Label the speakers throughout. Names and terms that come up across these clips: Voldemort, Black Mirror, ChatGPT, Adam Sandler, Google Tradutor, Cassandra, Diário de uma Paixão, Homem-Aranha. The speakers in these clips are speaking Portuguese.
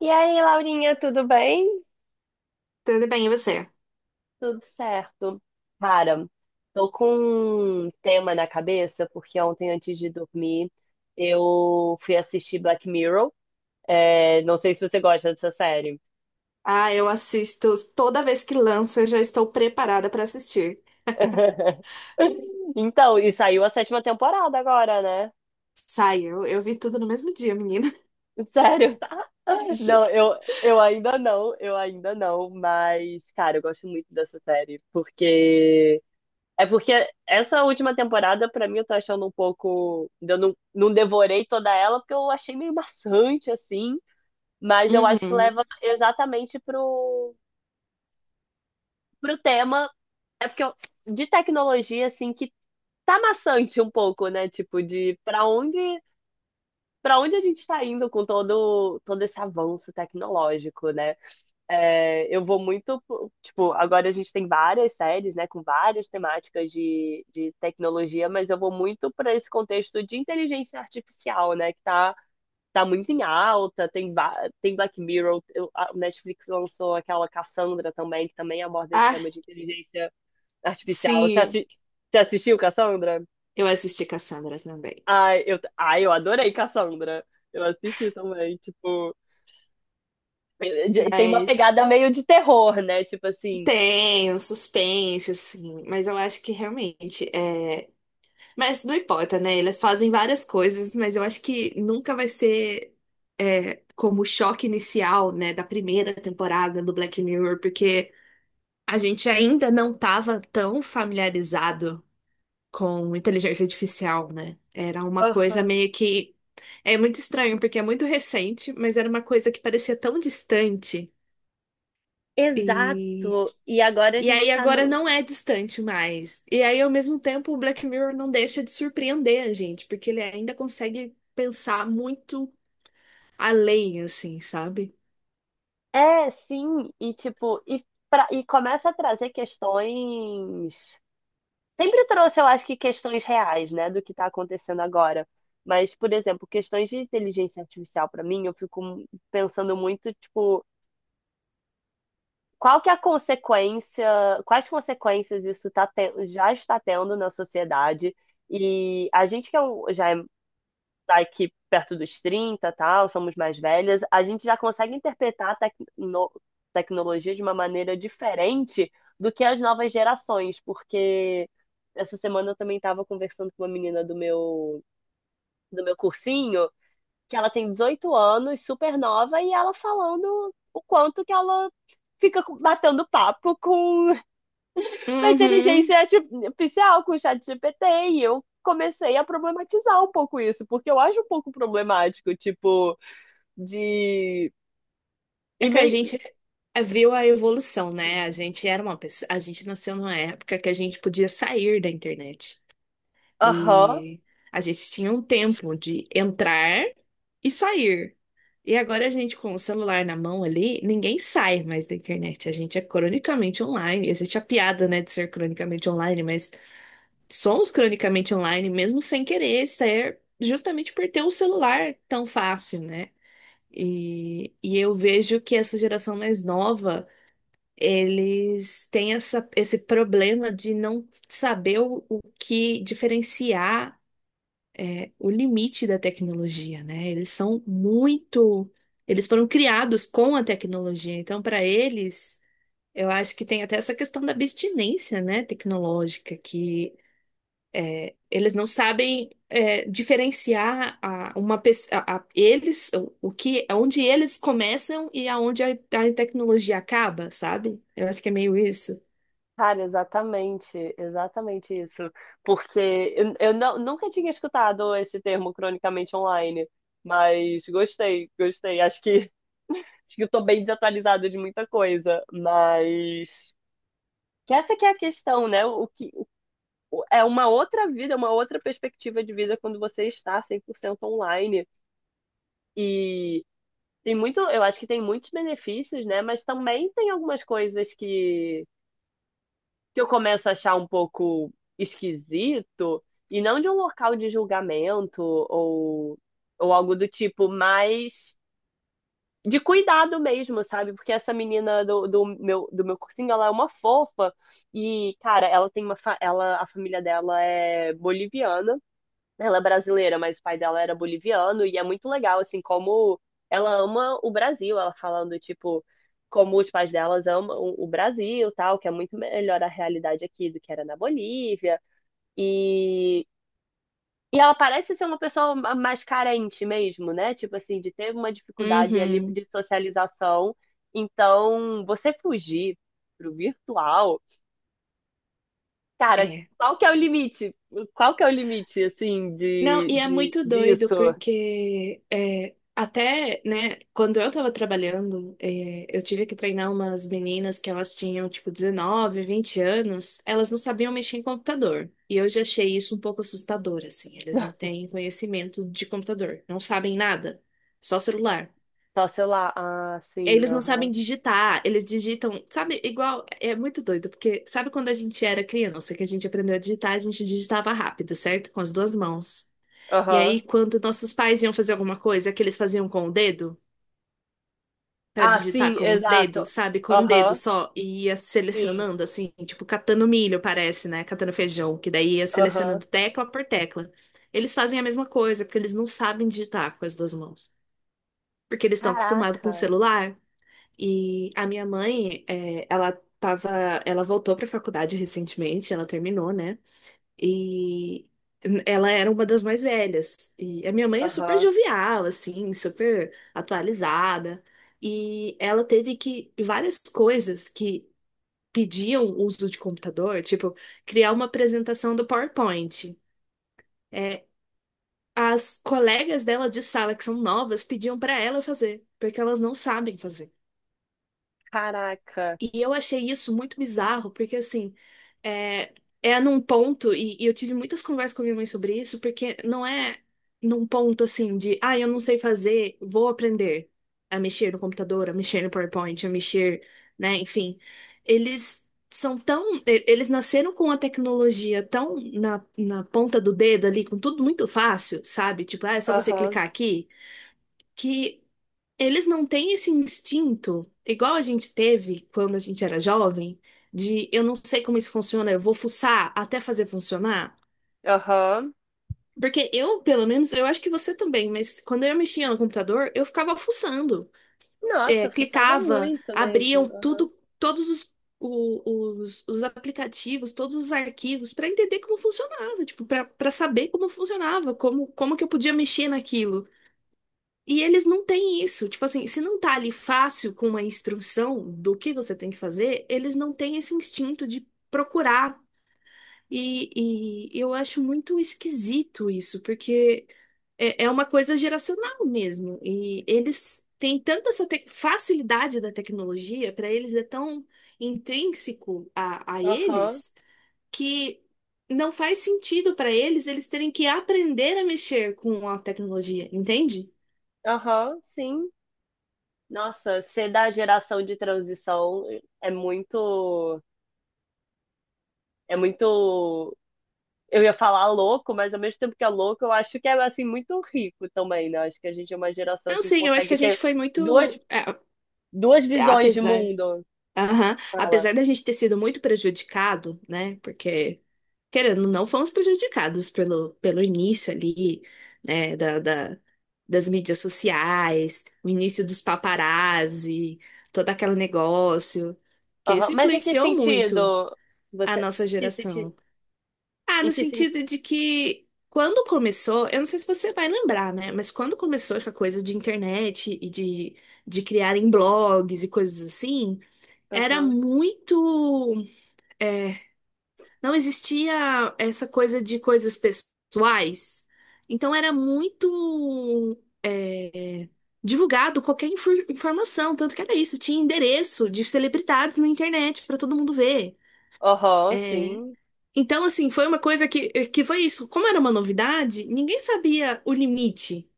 Speaker 1: E aí, Laurinha, tudo bem?
Speaker 2: Tudo bem, e você?
Speaker 1: Tudo certo. Cara, tô com um tema na cabeça, porque ontem, antes de dormir, eu fui assistir Black Mirror. É, não sei se você gosta dessa série.
Speaker 2: Ah, eu assisto toda vez que lança, eu já estou preparada para assistir.
Speaker 1: Então, e saiu a sétima temporada agora, né?
Speaker 2: Sai, eu vi tudo no mesmo dia, menina.
Speaker 1: Sério?
Speaker 2: Juro.
Speaker 1: Não, eu ainda não, mas, cara, eu gosto muito dessa série, porque essa última temporada, pra mim, eu tô achando um pouco. Eu não devorei toda ela, porque eu achei meio maçante, assim. Mas eu acho que
Speaker 2: Uhum.
Speaker 1: leva exatamente pro tema. É porque eu- de tecnologia, assim, que tá maçante um pouco, né? Tipo, de pra onde a gente tá indo com todo esse avanço tecnológico, né? É, eu vou muito, tipo, agora a gente tem várias séries, né, com várias temáticas de tecnologia, mas eu vou muito para esse contexto de inteligência artificial, né, que tá muito em alta, tem Black Mirror, eu- a o Netflix lançou aquela Cassandra também, que também aborda esse
Speaker 2: Ah,
Speaker 1: tema de inteligência artificial. Você,
Speaker 2: sim,
Speaker 1: assi- você assistiu Cassandra?
Speaker 2: eu assisti Cassandra também.
Speaker 1: Ai, eu adorei Cassandra. Eu assisti também, tipo, tem uma pegada
Speaker 2: Mas
Speaker 1: meio de terror, né, tipo assim...
Speaker 2: Tem um suspense, assim, mas eu acho que realmente é. Mas não importa, né? Eles fazem várias coisas, mas eu acho que nunca vai ser como o choque inicial, né, da primeira temporada do Black Mirror, porque a gente ainda não estava tão familiarizado com inteligência artificial, né? Era uma coisa
Speaker 1: Aham.
Speaker 2: meio que. É muito estranho, porque é muito recente, mas era uma coisa que parecia tão distante. e
Speaker 1: Exato. E agora a
Speaker 2: E aí
Speaker 1: gente tá
Speaker 2: agora
Speaker 1: no.
Speaker 2: não é distante mais. E aí, ao mesmo tempo, o Black Mirror não deixa de surpreender a gente, porque ele ainda consegue pensar muito além, assim, sabe?
Speaker 1: É, sim. E tipo, e, pra... E começa a trazer questões. Sempre trouxe, eu acho que questões reais, né, do que tá acontecendo agora. Mas, por exemplo, questões de inteligência artificial, pra mim, eu fico pensando muito, tipo, qual que é a consequência, quais consequências isso já está tendo na sociedade? E a gente que já é da equipe perto dos 30 tal, somos mais velhas, a gente já consegue interpretar a tecnologia de uma maneira diferente do que as novas gerações, porque essa semana eu também estava conversando com uma menina do meu cursinho, que ela tem 18 anos, super nova, e ela falando o quanto que ela fica batendo papo com a
Speaker 2: Uhum.
Speaker 1: inteligência artificial, com o chat GPT, e eu comecei a problematizar um pouco isso, porque eu acho um pouco problemático, tipo, de
Speaker 2: É que a
Speaker 1: e-mail.
Speaker 2: gente viu a evolução, né? A gente era uma pessoa, a gente nasceu numa época que a gente podia sair da internet.
Speaker 1: Aham.
Speaker 2: E a gente tinha um tempo de entrar e sair. E agora a gente com o celular na mão ali, ninguém sai mais da internet. A gente é cronicamente online. Existe a piada, né, de ser cronicamente online, mas somos cronicamente online mesmo sem querer ser, justamente por ter o celular tão fácil, né? E eu vejo que essa geração mais nova, eles têm essa, esse problema de não saber o que diferenciar o limite da tecnologia, né? Eles são muito, eles foram criados com a tecnologia, então para eles, eu acho que tem até essa questão da abstinência, né, tecnológica, que eles não sabem diferenciar a, uma pessoa, a- eles, o que, onde eles começam e aonde a tecnologia acaba, sabe? Eu acho que é meio isso.
Speaker 1: Cara, exatamente, exatamente isso. Porque eu não, nunca tinha escutado esse termo cronicamente online, mas gostei, gostei. Acho que eu tô bem desatualizada de muita coisa, mas que essa que é a questão, né? O que, é uma outra vida, é uma outra perspectiva de vida quando você está 100% online. E tem muito, eu acho que tem muitos benefícios, né? Mas também tem algumas coisas que eu começo a achar um pouco esquisito, e não de um local de julgamento ou algo do tipo, mas de cuidado mesmo, sabe? Porque essa menina do meu cursinho, ela é uma fofa, e, cara, ela tem a família dela é boliviana. Ela é brasileira, mas o pai dela era boliviano, e é muito legal, assim, como ela ama o Brasil, ela falando, tipo, como os pais delas amam o Brasil, tal, que é muito melhor a realidade aqui do que era na Bolívia. E, e ela parece ser uma pessoa mais carente mesmo, né? Tipo assim, de ter uma dificuldade ali
Speaker 2: Uhum.
Speaker 1: de socialização. Então, você fugir pro virtual, cara,
Speaker 2: É.
Speaker 1: qual que é o limite? Qual que é o limite, assim,
Speaker 2: Não, e é muito doido,
Speaker 1: disso?
Speaker 2: porque até, né, quando eu tava trabalhando, eu tive que treinar umas meninas que elas tinham, tipo, 19, 20 anos, elas não sabiam mexer em computador. E eu já achei isso um pouco assustador, assim, eles não têm conhecimento de computador, não sabem nada, só celular.
Speaker 1: Só celular. Ah, sim,
Speaker 2: Eles não
Speaker 1: aham.
Speaker 2: sabem digitar, eles digitam, sabe, igual, é muito doido, porque sabe quando a gente era criança, que a gente aprendeu a digitar, a gente digitava rápido, certo? Com as duas mãos. E
Speaker 1: Aham.
Speaker 2: aí, quando nossos pais iam fazer alguma coisa que eles faziam com o dedo, pra
Speaker 1: Ah,
Speaker 2: digitar
Speaker 1: sim,
Speaker 2: com o dedo,
Speaker 1: exato.
Speaker 2: sabe? Com um dedo
Speaker 1: Aham,
Speaker 2: só, e ia
Speaker 1: sim,
Speaker 2: selecionando, assim, tipo, catando milho, parece, né? Catando feijão, que daí ia
Speaker 1: aham.
Speaker 2: selecionando tecla por tecla. Eles fazem a mesma coisa, porque eles não sabem digitar com as duas mãos. Porque eles estão acostumados com o
Speaker 1: Caraca,
Speaker 2: celular. E a minha mãe, ela tava, ela voltou pra faculdade recentemente, ela terminou, né? E ela era uma das mais velhas. E a minha mãe é super
Speaker 1: aham.
Speaker 2: jovial, assim, super atualizada. E ela teve que várias coisas que pediam uso de computador, tipo criar uma apresentação do PowerPoint. É, as colegas dela de sala que são novas pediam para ela fazer, porque elas não sabem fazer.
Speaker 1: Caraca,
Speaker 2: E eu achei isso muito bizarro, porque assim, é, é num ponto, e eu tive muitas conversas com a minha mãe sobre isso, porque não é num ponto assim de, ah, eu não sei fazer, vou aprender a mexer no computador, a mexer no PowerPoint, a mexer, né, enfim. Eles são tão, e- eles nasceram com a tecnologia tão na ponta do dedo ali, com tudo muito fácil, sabe? Tipo, ah, é só você
Speaker 1: aham,
Speaker 2: clicar aqui, que eles não têm esse instinto, igual a gente teve quando a gente era jovem, de eu não sei como isso funciona, eu vou fuçar até fazer funcionar.
Speaker 1: aham.
Speaker 2: Porque eu, pelo menos, eu acho que você também, mas quando eu mexia no computador, eu ficava fuçando. É,
Speaker 1: Nossa, fuçava
Speaker 2: clicava,
Speaker 1: muito mesmo.
Speaker 2: abriam
Speaker 1: Aham,
Speaker 2: tudo, o- os aplicativos, todos os arquivos, para entender como funcionava, tipo, para saber como funcionava, como, como que eu podia mexer naquilo. E eles não têm isso. Tipo assim, se não tá ali fácil com uma instrução do que você tem que fazer, eles não têm esse instinto de procurar. E eu acho muito esquisito isso, porque é, é uma coisa geracional mesmo. E eles têm tanta essa te- facilidade da tecnologia, para eles é tão intrínseco a
Speaker 1: aham,
Speaker 2: eles, que não faz sentido para eles eles terem que aprender a mexer com a tecnologia, entende?
Speaker 1: aham, sim. Nossa, ser da geração de transição é muito, é muito. Eu ia falar louco, mas ao mesmo tempo que é louco, eu acho que é assim muito rico também, né? Acho que a gente é uma geração
Speaker 2: Não,
Speaker 1: assim que
Speaker 2: sim, eu acho que a
Speaker 1: consegue
Speaker 2: gente
Speaker 1: ter
Speaker 2: foi
Speaker 1: duas
Speaker 2: muito. É,
Speaker 1: Duas
Speaker 2: é,
Speaker 1: visões de
Speaker 2: apesar.
Speaker 1: mundo,
Speaker 2: Aham.
Speaker 1: fala.
Speaker 2: Apesar da gente ter sido muito prejudicado, né? Porque, querendo, ou não fomos prejudicados pelo início ali, né? Da- das mídias sociais, o início dos paparazzi, todo aquele negócio. Que
Speaker 1: Aham.
Speaker 2: isso
Speaker 1: Mas em que
Speaker 2: influenciou muito
Speaker 1: sentido?
Speaker 2: a
Speaker 1: Você.
Speaker 2: nossa
Speaker 1: Em que sentido?
Speaker 2: geração. Ah,
Speaker 1: Em
Speaker 2: no
Speaker 1: que
Speaker 2: sentido
Speaker 1: sentido?
Speaker 2: de que quando começou, eu não sei se você vai lembrar, né? Mas quando começou essa coisa de internet de criarem blogs e coisas assim, era
Speaker 1: Aham.
Speaker 2: muito. É, não existia essa coisa de coisas pessoais. Então era muito. É, divulgado qualquer infor- informação, tanto que era isso, tinha endereço de celebridades na internet para todo mundo ver.
Speaker 1: Aham,
Speaker 2: É,
Speaker 1: sim.
Speaker 2: então, assim, foi uma coisa que, eh, que foi isso. Como era uma novidade, ninguém sabia o limite.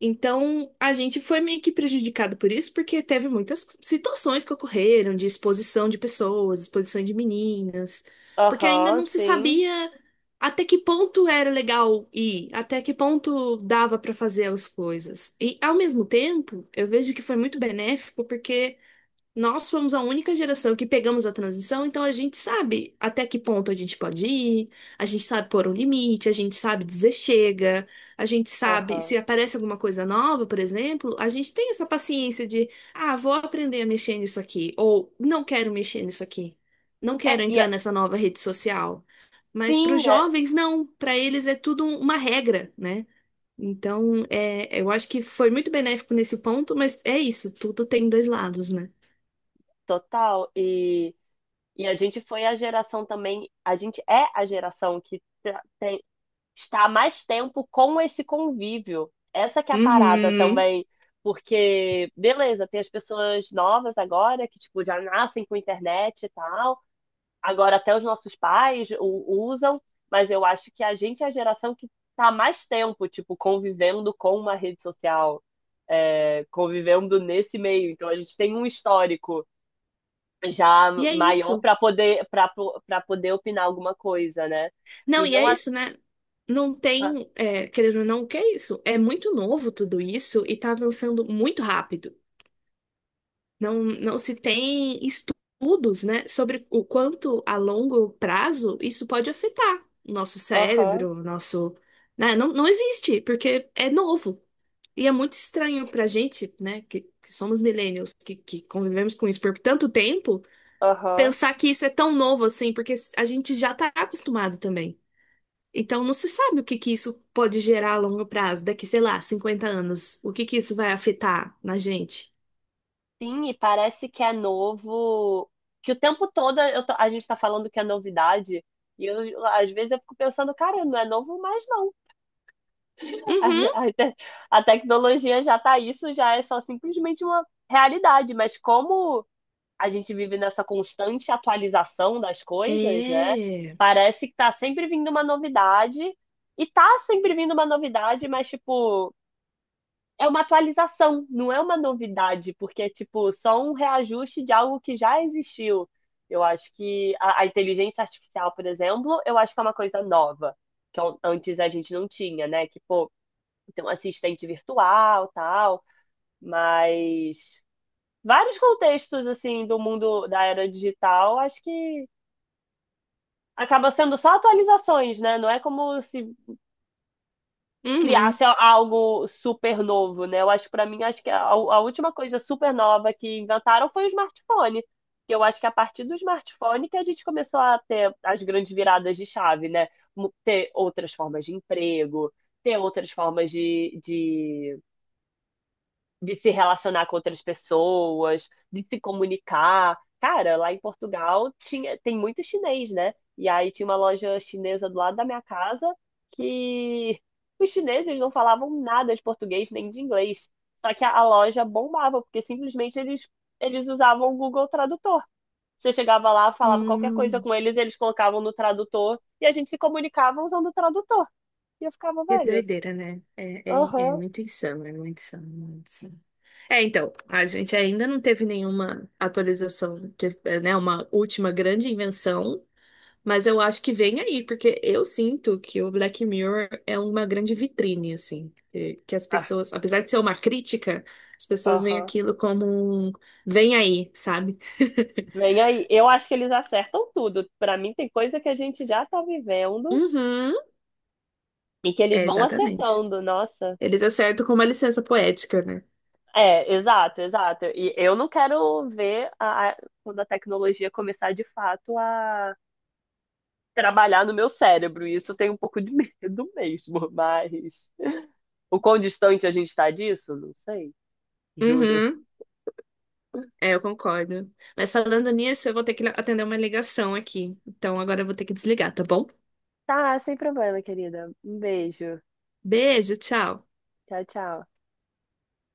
Speaker 2: Então, a gente foi meio que prejudicado por isso, porque teve muitas situações que ocorreram de exposição de pessoas, exposição de meninas, porque ainda
Speaker 1: Aham,
Speaker 2: não se
Speaker 1: sim.
Speaker 2: sabia até que ponto era legal ir, até que ponto dava para fazer as coisas. E, ao mesmo tempo, eu vejo que foi muito benéfico, porque. Nós fomos a única geração que pegamos a transição, então a gente sabe até que ponto a gente pode ir, a gente sabe pôr um limite, a gente sabe dizer chega, a gente sabe se
Speaker 1: Aham.
Speaker 2: aparece alguma coisa nova, por exemplo, a gente tem essa paciência de, ah, vou aprender a mexer nisso aqui, ou não quero mexer nisso aqui, não
Speaker 1: É,
Speaker 2: quero entrar nessa nova rede social. Mas para os
Speaker 1: sim, é
Speaker 2: jovens, não, para eles é tudo um- uma regra, né? Então, é, eu acho que foi muito benéfico nesse ponto, mas é isso, tudo tem dois lados, né?
Speaker 1: total. E a gente foi a geração também. A gente é a geração que está há mais tempo com esse convívio. Essa que é a parada
Speaker 2: Uhum.
Speaker 1: também. Porque, beleza, tem as pessoas novas agora que, tipo, já nascem com internet e tal. Agora, até os nossos pais usam, mas eu acho que a gente é a geração que está há mais tempo, tipo, convivendo com uma rede social, é, convivendo nesse meio. Então, a gente tem um histórico já
Speaker 2: E é
Speaker 1: maior
Speaker 2: isso.
Speaker 1: para poder, para poder opinar alguma coisa, né?
Speaker 2: Não,
Speaker 1: E
Speaker 2: e
Speaker 1: não
Speaker 2: é
Speaker 1: a...
Speaker 2: isso, né? Não
Speaker 1: a-
Speaker 2: tem, é, querendo ou não, o que é isso? É muito novo tudo isso e tá avançando muito rápido. Não se tem estudos, né, sobre o quanto a longo prazo isso pode afetar o nosso
Speaker 1: Aham,
Speaker 2: cérebro, o nosso, né? Não existe, porque é novo. E é muito estranho pra gente, né, que somos millennials, que convivemos com isso por tanto tempo
Speaker 1: aham.
Speaker 2: pensar que isso é tão novo assim, porque a gente já tá acostumado também. Então não se sabe o que que isso pode gerar a longo prazo, daqui, sei lá, 50 anos. O que que isso vai afetar na gente?
Speaker 1: Sim, e parece que é novo, que o tempo todo a gente está falando que é novidade, e eu, às vezes eu fico pensando, cara, não é novo mais não.
Speaker 2: Uhum.
Speaker 1: A, a te- a tecnologia já está isso, já é só simplesmente uma realidade, mas como a gente vive nessa constante atualização das coisas, né?
Speaker 2: É.
Speaker 1: Parece que está sempre vindo uma novidade, e está sempre vindo uma novidade, mas tipo, é uma atualização, não é uma novidade, porque é tipo só um reajuste de algo que já existiu. Eu acho que a inteligência artificial, por exemplo, eu acho que é uma coisa nova, que antes a gente não tinha, né? Que, pô, tem um assistente virtual, tal, mas vários contextos assim do mundo da era digital, acho que acaba sendo só atualizações, né? Não é como se
Speaker 2: Uhum.
Speaker 1: criasse algo super novo, né? Eu acho que para mim acho que a última coisa super nova que inventaram foi o smartphone. Que eu acho que a partir do smartphone que a gente começou a ter as grandes viradas de chave, né? Ter outras formas de emprego, ter outras formas de se relacionar com outras pessoas, de se comunicar. Cara, lá em Portugal tinha, tem muito chinês, né? E aí tinha uma loja chinesa do lado da minha casa que os chineses não falavam nada de português nem de inglês. Só que a loja bombava, porque simplesmente eles usavam o Google Tradutor. Você chegava lá, falava qualquer coisa
Speaker 2: Hum.
Speaker 1: com eles, eles colocavam no tradutor e a gente se comunicava usando o tradutor. E eu ficava,
Speaker 2: Que
Speaker 1: velho,
Speaker 2: doideira, né? É, é,
Speaker 1: aham,
Speaker 2: é muito insano, muito insano. É, então, a gente ainda não teve nenhuma atualização, teve, né, uma última grande invenção. Mas eu acho que vem aí, porque eu sinto que o Black Mirror é uma grande vitrine, assim. Que as
Speaker 1: ah,
Speaker 2: pessoas, apesar de ser uma crítica, as pessoas veem
Speaker 1: aham.
Speaker 2: aquilo como um vem aí, sabe?
Speaker 1: Vem aí. Eu acho que eles acertam tudo. Pra mim, tem coisa que a gente já tá vivendo
Speaker 2: Uhum.
Speaker 1: e que eles
Speaker 2: É,
Speaker 1: vão
Speaker 2: exatamente.
Speaker 1: acertando. Nossa.
Speaker 2: Eles acertam com uma licença poética, né?
Speaker 1: É, exato, exato. E eu não quero ver quando a tecnologia começar de fato a trabalhar no meu cérebro. Isso eu tenho um pouco de medo mesmo, mas o quão distante a gente tá disso? Não sei, juro.
Speaker 2: Uhum. É, eu concordo. Mas falando nisso, eu vou ter que atender uma ligação aqui. Então agora eu vou ter que desligar, tá bom?
Speaker 1: Tá, sem problema, querida. Um beijo.
Speaker 2: Beijo, tchau.
Speaker 1: Tchau, tchau.